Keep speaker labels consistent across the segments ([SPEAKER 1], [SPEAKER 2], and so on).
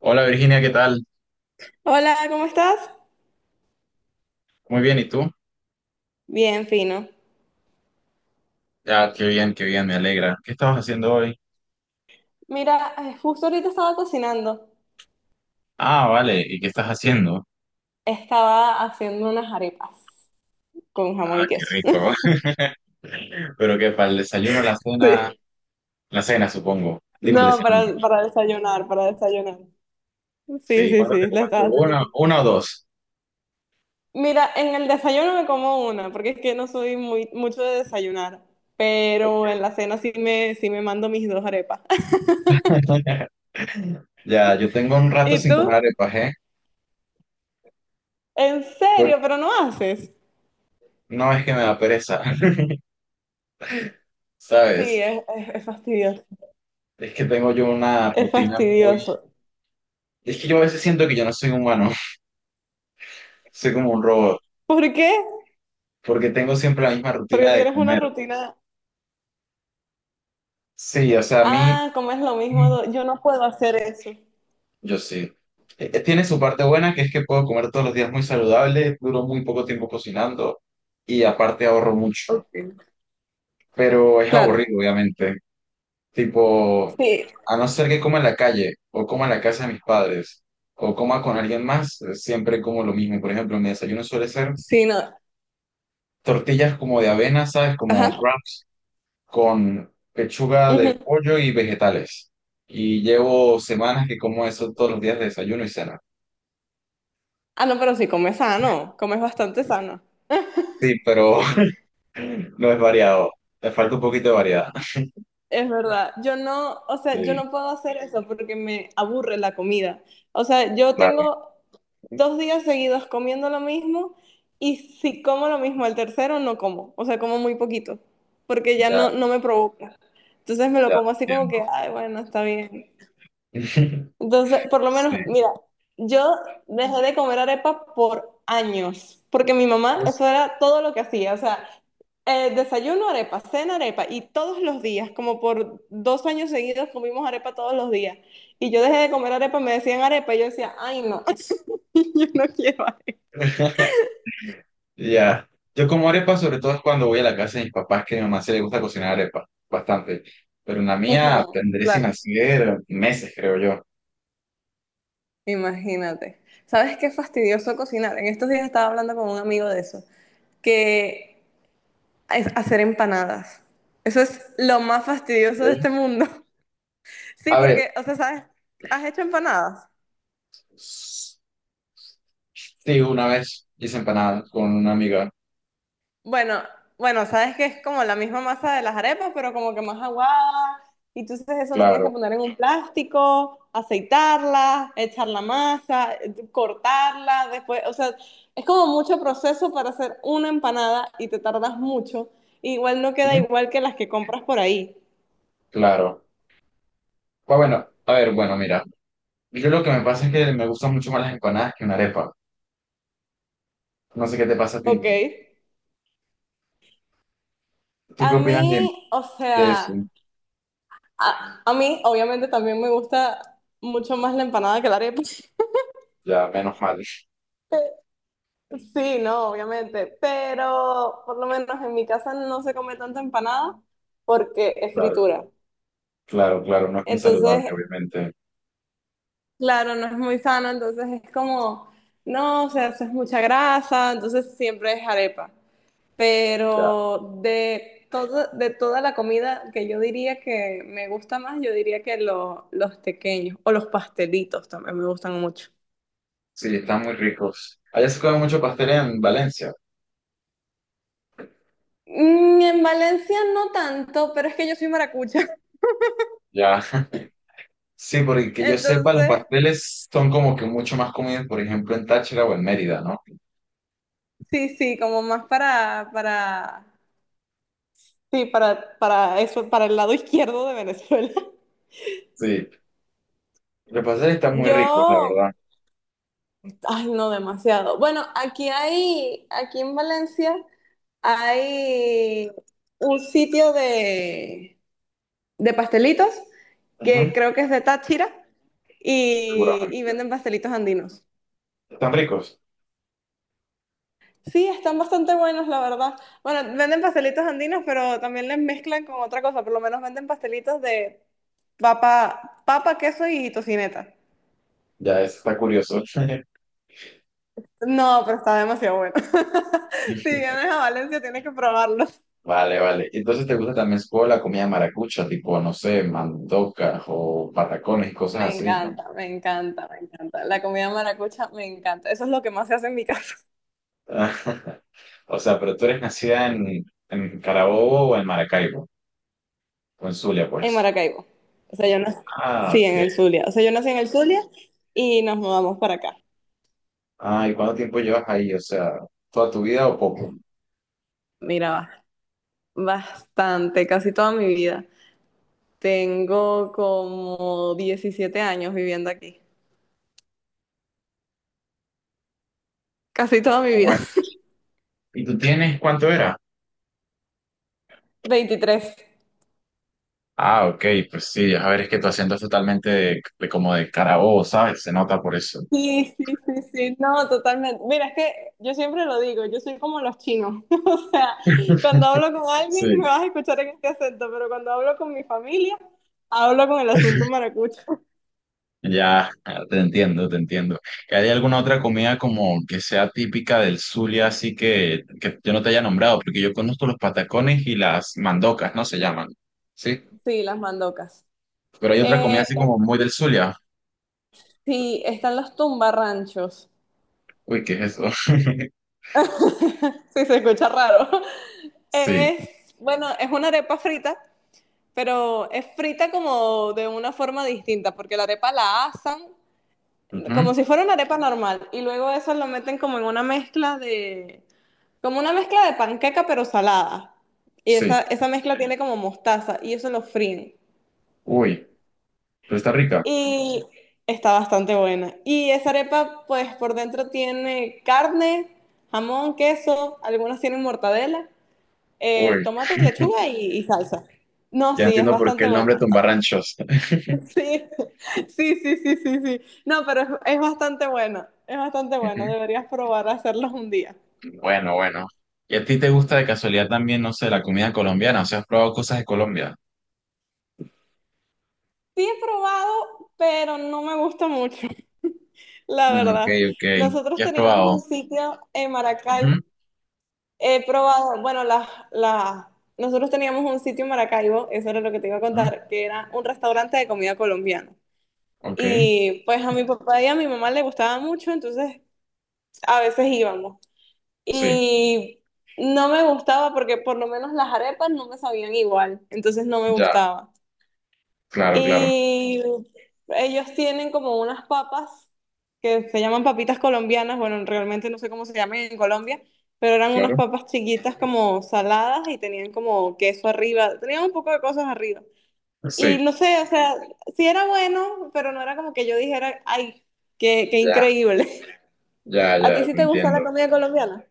[SPEAKER 1] Hola Virginia, ¿qué tal?
[SPEAKER 2] Hola, ¿cómo estás?
[SPEAKER 1] Muy bien, ¿y tú?
[SPEAKER 2] Bien, fino.
[SPEAKER 1] Ya, qué bien, me alegra. ¿Qué estabas haciendo hoy?
[SPEAKER 2] Mira, justo ahorita estaba cocinando.
[SPEAKER 1] Ah, vale, ¿y qué estás haciendo?
[SPEAKER 2] Estaba haciendo unas arepas con jamón y
[SPEAKER 1] Qué
[SPEAKER 2] queso.
[SPEAKER 1] rico. Pero qué, para el desayuno,
[SPEAKER 2] Sí.
[SPEAKER 1] la cena, supongo. Digo el
[SPEAKER 2] No,
[SPEAKER 1] desayuno.
[SPEAKER 2] para desayunar, para desayunar. Sí,
[SPEAKER 1] Sí,
[SPEAKER 2] sí,
[SPEAKER 1] ¿cuándo te
[SPEAKER 2] sí, la
[SPEAKER 1] comes tú?
[SPEAKER 2] estaba haciendo.
[SPEAKER 1] Una o dos.
[SPEAKER 2] Mira, en el desayuno me como una, porque es que no soy muy mucho de desayunar, pero en la cena sí me mando mis dos arepas.
[SPEAKER 1] Ya, yo tengo un rato
[SPEAKER 2] ¿Y
[SPEAKER 1] sin
[SPEAKER 2] tú?
[SPEAKER 1] comer arepas, ¿eh?
[SPEAKER 2] ¿En
[SPEAKER 1] Por-
[SPEAKER 2] serio? ¿Pero no haces?
[SPEAKER 1] no es que me da pereza,
[SPEAKER 2] Sí,
[SPEAKER 1] ¿sabes?
[SPEAKER 2] es fastidioso.
[SPEAKER 1] Es que tengo yo una
[SPEAKER 2] Es
[SPEAKER 1] rutina muy...
[SPEAKER 2] fastidioso.
[SPEAKER 1] Es que yo a veces siento que yo no soy humano, soy como un robot,
[SPEAKER 2] ¿Por qué?
[SPEAKER 1] porque tengo siempre la misma
[SPEAKER 2] Porque
[SPEAKER 1] rutina de
[SPEAKER 2] tienes una
[SPEAKER 1] comer.
[SPEAKER 2] rutina.
[SPEAKER 1] Sí, o sea, a mí...
[SPEAKER 2] Ah, como es lo mismo, yo no puedo hacer eso.
[SPEAKER 1] Yo sí. Tiene su parte buena, que es que puedo comer todos los días muy saludable, duro muy poco tiempo cocinando y aparte ahorro mucho.
[SPEAKER 2] Ok.
[SPEAKER 1] Pero es
[SPEAKER 2] Claro.
[SPEAKER 1] aburrido, obviamente. Tipo,
[SPEAKER 2] Sí,
[SPEAKER 1] a no ser que coma en la calle o coma en la casa de mis padres o coma con alguien más, siempre como lo mismo. Por ejemplo, mi desayuno suele ser
[SPEAKER 2] sí, no.
[SPEAKER 1] tortillas como de avena, ¿sabes? Como
[SPEAKER 2] Ajá.
[SPEAKER 1] crumbs, con pechuga de
[SPEAKER 2] Ujú.
[SPEAKER 1] pollo y vegetales. Y llevo semanas que como eso todos los días de desayuno y cena.
[SPEAKER 2] Ah, no, pero sí, comes sano, comes bastante sano.
[SPEAKER 1] Sí, pero no es variado. Te falta un poquito de variedad.
[SPEAKER 2] Es verdad. Yo no, o sea, yo
[SPEAKER 1] Sí,
[SPEAKER 2] no puedo hacer eso porque me aburre la comida. O sea, yo
[SPEAKER 1] claro,
[SPEAKER 2] tengo 2 días seguidos comiendo lo mismo, y si como lo mismo el tercero, no como. O sea, como muy poquito porque ya
[SPEAKER 1] ya,
[SPEAKER 2] no me provoca. Entonces me lo
[SPEAKER 1] ya te
[SPEAKER 2] como así como que,
[SPEAKER 1] entiendo.
[SPEAKER 2] ay, bueno, está bien. Entonces, por lo
[SPEAKER 1] Sí.
[SPEAKER 2] menos, mira, yo dejé de comer arepa por años, porque mi
[SPEAKER 1] Y
[SPEAKER 2] mamá, eso era todo lo que hacía, o sea, desayuno arepa, cena arepa, y todos los días, como por 2 años seguidos comimos arepa todos los días. Y yo dejé de comer arepa, me decían arepa, y yo decía, ay, no, yo no quiero arepa.
[SPEAKER 1] ya. Yo como arepa, sobre todo es cuando voy a la casa de mis papás, que a mi mamá se le gusta cocinar arepa bastante. Pero en la mía
[SPEAKER 2] Ujú,
[SPEAKER 1] tendré sin
[SPEAKER 2] claro,
[SPEAKER 1] hacer meses, creo yo.
[SPEAKER 2] imagínate. ¿Sabes qué fastidioso cocinar? En estos días estaba hablando con un amigo de eso, que es hacer empanadas. Eso es lo más fastidioso de
[SPEAKER 1] Ok,
[SPEAKER 2] este mundo. Sí,
[SPEAKER 1] a ver,
[SPEAKER 2] porque, o sea, ¿sabes? ¿Has hecho empanadas?
[SPEAKER 1] s- sí, una vez hice empanadas con una amiga,
[SPEAKER 2] Bueno, bueno, sabes que es como la misma masa de las arepas, pero como que más aguada. Y tú entonces eso lo tienes que
[SPEAKER 1] claro,
[SPEAKER 2] poner en un plástico, aceitarla, echar la masa, cortarla, después, o sea, es como mucho proceso para hacer una empanada y te tardas mucho. Igual no queda
[SPEAKER 1] ujú,
[SPEAKER 2] igual que las que compras por ahí.
[SPEAKER 1] claro. Pues bueno, a ver, bueno, mira, yo lo que me pasa es que me gustan mucho más las empanadas que una arepa. No sé qué te pasa a ti.
[SPEAKER 2] Ok.
[SPEAKER 1] ¿Tú qué
[SPEAKER 2] A
[SPEAKER 1] opinas
[SPEAKER 2] mí, o
[SPEAKER 1] de eso?
[SPEAKER 2] sea, a mí, obviamente, también me gusta mucho más la empanada que la arepa.
[SPEAKER 1] Ya, menos mal.
[SPEAKER 2] Sí, no, obviamente, pero por lo menos en mi casa no se come tanta empanada porque es
[SPEAKER 1] Claro,
[SPEAKER 2] fritura.
[SPEAKER 1] claro, claro, no es muy
[SPEAKER 2] Entonces,
[SPEAKER 1] saludable, obviamente.
[SPEAKER 2] claro, no es muy sano, entonces es como, no, o sea, eso es mucha grasa, entonces siempre es arepa.
[SPEAKER 1] Ya.
[SPEAKER 2] Pero de todo, de toda la comida que yo diría que me gusta más, yo diría que los tequeños o los pastelitos también me gustan mucho.
[SPEAKER 1] Sí, están muy ricos. Allá se come mucho pastel en Valencia.
[SPEAKER 2] En Valencia no tanto, pero es que yo soy maracucha.
[SPEAKER 1] Ya. Sí, porque que yo sepa, los
[SPEAKER 2] Entonces,
[SPEAKER 1] pasteles son como que mucho más comidos, por ejemplo, en Táchira o en Mérida, ¿no?
[SPEAKER 2] sí, sí, como más para, sí, para eso, para el lado izquierdo de Venezuela.
[SPEAKER 1] Sí, los pasteles están muy ricos, la
[SPEAKER 2] Yo,
[SPEAKER 1] verdad.
[SPEAKER 2] ay, no demasiado. Bueno, aquí hay, aquí en Valencia hay un sitio de pastelitos
[SPEAKER 1] Ujú,
[SPEAKER 2] que creo que es de Táchira y
[SPEAKER 1] seguramente.
[SPEAKER 2] venden pastelitos andinos.
[SPEAKER 1] Están ricos.
[SPEAKER 2] Sí, están bastante buenos, la verdad. Bueno, venden pastelitos andinos, pero también les mezclan con otra cosa. Por lo menos venden pastelitos de papa, queso y tocineta.
[SPEAKER 1] Ya, eso está curioso.
[SPEAKER 2] No, pero está demasiado bueno. Si vienes a Valencia, tienes que probarlos.
[SPEAKER 1] Vale, vale. Entonces, ¿te gusta también como la comida maracucha, tipo, no sé, mandocas o patacones y cosas
[SPEAKER 2] Me
[SPEAKER 1] así, ¿no?
[SPEAKER 2] encanta, me encanta, me encanta. La comida maracucha me encanta. Eso es lo que más se hace en mi casa,
[SPEAKER 1] O sea, pero tú eres nacida en Carabobo o en Maracaibo, o en Zulia,
[SPEAKER 2] en
[SPEAKER 1] pues.
[SPEAKER 2] Maracaibo. O sea, yo nací,
[SPEAKER 1] Ah,
[SPEAKER 2] sí,
[SPEAKER 1] ok.
[SPEAKER 2] en el Zulia. O sea, yo nací en el Zulia y nos mudamos para acá.
[SPEAKER 1] Ah, ¿y cuánto tiempo llevas ahí? O sea, ¿toda tu vida o poco?
[SPEAKER 2] Mira, va, bastante, casi toda mi vida. Tengo como 17 años viviendo aquí, casi toda mi
[SPEAKER 1] Ah,
[SPEAKER 2] vida.
[SPEAKER 1] bueno. ¿Y tú tienes cuánto era?
[SPEAKER 2] 23.
[SPEAKER 1] Ah, ok, pues sí, a ver, es que tu acento es totalmente de como de Carabobo, ¿sabes? Se nota por eso.
[SPEAKER 2] Sí, sí, sí, sí, no, totalmente. Mira, es que yo siempre lo digo, yo soy como los chinos. O sea, cuando hablo con alguien me
[SPEAKER 1] Sí.
[SPEAKER 2] vas a escuchar en este acento, pero cuando hablo con mi familia, hablo con el asunto maracucho.
[SPEAKER 1] Ya, ah, te entiendo, te entiendo. ¿Que hay alguna otra comida como que sea típica del Zulia, así que yo no te haya nombrado? Porque yo conozco los patacones y las mandocas, ¿no? Se llaman, ¿sí?
[SPEAKER 2] Sí, las mandocas.
[SPEAKER 1] Pero hay otra
[SPEAKER 2] Eh,
[SPEAKER 1] comida así
[SPEAKER 2] eh,
[SPEAKER 1] como muy del Zulia.
[SPEAKER 2] sí, están los tumbarranchos.
[SPEAKER 1] Uy, ¿qué es eso?
[SPEAKER 2] Sí, se escucha raro.
[SPEAKER 1] Sí.
[SPEAKER 2] Es, bueno, es una arepa frita, pero es frita como de una forma distinta, porque la arepa la asan
[SPEAKER 1] Ujú,
[SPEAKER 2] como si fuera una arepa normal y luego eso lo meten como en una como una mezcla de panqueca pero salada. Y
[SPEAKER 1] sí.
[SPEAKER 2] esa mezcla tiene como mostaza y eso lo fríen.
[SPEAKER 1] Uy, pero está rica.
[SPEAKER 2] Y está bastante buena. Y esa arepa pues por dentro tiene carne, jamón, queso, algunas tienen mortadela,
[SPEAKER 1] Uy,
[SPEAKER 2] tomate, lechuga y salsa. No,
[SPEAKER 1] ya
[SPEAKER 2] sí, es
[SPEAKER 1] entiendo por qué
[SPEAKER 2] bastante
[SPEAKER 1] el nombre
[SPEAKER 2] buena.
[SPEAKER 1] Tumbarranchos.
[SPEAKER 2] Sí, sí, sí, sí, sí, sí. No, pero es bastante bueno, es bastante
[SPEAKER 1] Ujú,
[SPEAKER 2] bueno. Deberías probar a hacerlos un día.
[SPEAKER 1] bueno, bueno. ¿Y a ti te gusta de casualidad también, no sé, la comida colombiana? O sea, ¿has probado cosas de Colombia?
[SPEAKER 2] Sí he probado, pero no me gusta mucho, la
[SPEAKER 1] Mm, ok,
[SPEAKER 2] verdad.
[SPEAKER 1] ok.
[SPEAKER 2] Nosotros
[SPEAKER 1] ¿Qué has
[SPEAKER 2] teníamos un
[SPEAKER 1] probado?
[SPEAKER 2] sitio en Maracaibo.
[SPEAKER 1] Ujú,
[SPEAKER 2] He probado, bueno, las, nosotros teníamos un sitio en Maracaibo, eso era lo que te iba a
[SPEAKER 1] ujú,
[SPEAKER 2] contar, que era un restaurante de comida colombiana.
[SPEAKER 1] ok,
[SPEAKER 2] Y pues a mi papá y a mi mamá le gustaba mucho, entonces a veces íbamos.
[SPEAKER 1] sí,
[SPEAKER 2] Y no me gustaba porque por lo menos las arepas no me sabían igual, entonces no me
[SPEAKER 1] ya,
[SPEAKER 2] gustaba.
[SPEAKER 1] claro, claro,
[SPEAKER 2] Y ellos tienen como unas papas que se llaman papitas colombianas, bueno, realmente no sé cómo se llaman en Colombia, pero eran unas
[SPEAKER 1] claro.
[SPEAKER 2] papas chiquitas como saladas y tenían como queso arriba, tenían un poco de cosas arriba. Y
[SPEAKER 1] Sí,
[SPEAKER 2] no sé, o sea, sí era bueno, pero no era como que yo dijera, ay, qué, qué
[SPEAKER 1] ya,
[SPEAKER 2] increíble.
[SPEAKER 1] ya,
[SPEAKER 2] ¿A ti
[SPEAKER 1] ya,
[SPEAKER 2] sí
[SPEAKER 1] te
[SPEAKER 2] te gusta
[SPEAKER 1] entiendo.
[SPEAKER 2] la comida colombiana?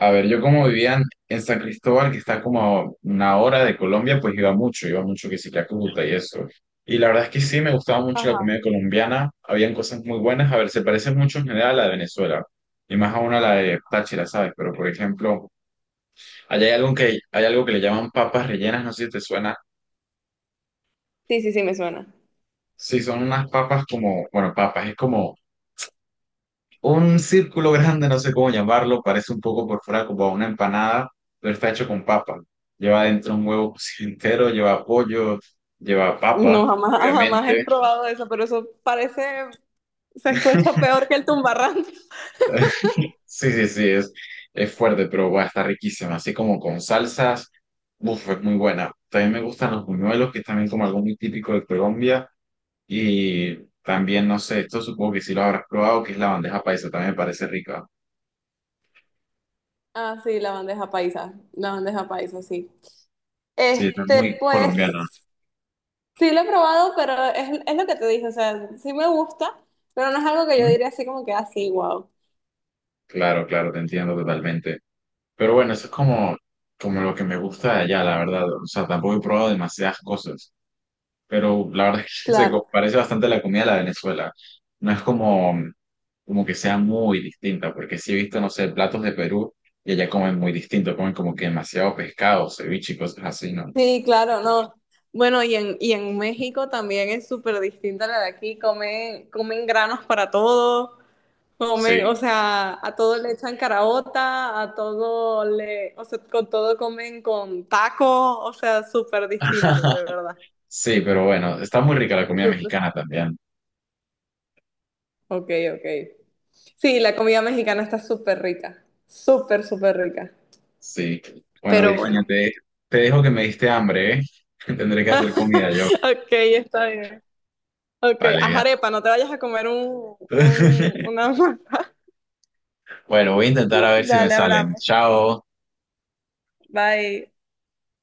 [SPEAKER 1] A ver, yo como vivía en San Cristóbal, que está como a una hora de Colombia, pues iba mucho que sí que a Cúcuta y eso. Y la verdad es que sí, me gustaba mucho la
[SPEAKER 2] Ajá.
[SPEAKER 1] comida colombiana, habían cosas muy buenas, a ver, se parece mucho en general a la de Venezuela, y más aún a la de Táchira, ¿sabes? Pero por ejemplo, allá hay algo que le llaman papas rellenas, no sé si te suena.
[SPEAKER 2] Sí, sí, sí, me suena.
[SPEAKER 1] Sí, son unas papas como, bueno, papas, es como un círculo grande, no sé cómo llamarlo, parece un poco por fuera como una empanada, pero está hecho con papa. Lleva dentro un huevo cocido entero, lleva pollo, lleva papa,
[SPEAKER 2] No, jamás, jamás he
[SPEAKER 1] obviamente.
[SPEAKER 2] probado eso, pero eso parece, se escucha peor que el tumbarrán.
[SPEAKER 1] Sí, sí, sí, es fuerte, pero bueno, está riquísima. Así como con salsas, uff, es muy buena. También me gustan los buñuelos, que es también como algo muy típico de Colombia. Y también, no sé, esto supongo que sí lo habrás probado, que es la bandeja paisa, también me parece rica.
[SPEAKER 2] Ah, sí, la bandeja paisa, sí.
[SPEAKER 1] Sí, está
[SPEAKER 2] Este,
[SPEAKER 1] muy
[SPEAKER 2] pues
[SPEAKER 1] colombiana.
[SPEAKER 2] sí lo he probado, pero es lo que te dije, o sea, sí me gusta, pero no es algo que yo
[SPEAKER 1] Ujú.
[SPEAKER 2] diría así como que así, wow.
[SPEAKER 1] Claro, claro, te entiendo totalmente. Pero bueno, eso es como, como lo que me gusta de allá, la verdad. O sea, tampoco he probado demasiadas cosas, pero la verdad es que
[SPEAKER 2] Claro,
[SPEAKER 1] parece bastante a la comida de la Venezuela. No es como, como que sea muy distinta, porque sí he visto, no sé, platos de Perú y allá comen muy distinto, comen como que demasiado pescado, ceviche y cosas así, ¿no?
[SPEAKER 2] sí, claro, no. Bueno, y en México también es súper distinta a la de aquí, comen, comen granos para todo.
[SPEAKER 1] Sí.
[SPEAKER 2] Comen, o sea, a todo le echan caraota, o sea, con todo comen con taco, o sea, súper distinto, de verdad.
[SPEAKER 1] Sí, pero bueno, está muy rica la comida
[SPEAKER 2] Súper.
[SPEAKER 1] mexicana también.
[SPEAKER 2] Ok, ok. Sí, la comida mexicana está súper rica, súper, súper rica.
[SPEAKER 1] Sí. Bueno,
[SPEAKER 2] Pero
[SPEAKER 1] Virginia,
[SPEAKER 2] bueno.
[SPEAKER 1] te dejo que me diste hambre, ¿eh? Tendré que hacer comida yo.
[SPEAKER 2] Ok, está bien. Ok,
[SPEAKER 1] Vale,
[SPEAKER 2] haz
[SPEAKER 1] ya.
[SPEAKER 2] arepa, no te vayas a comer un, un, una masa.
[SPEAKER 1] Bueno, voy a intentar a ver si me
[SPEAKER 2] Dale,
[SPEAKER 1] salen.
[SPEAKER 2] hablamos.
[SPEAKER 1] Chao.
[SPEAKER 2] Bye.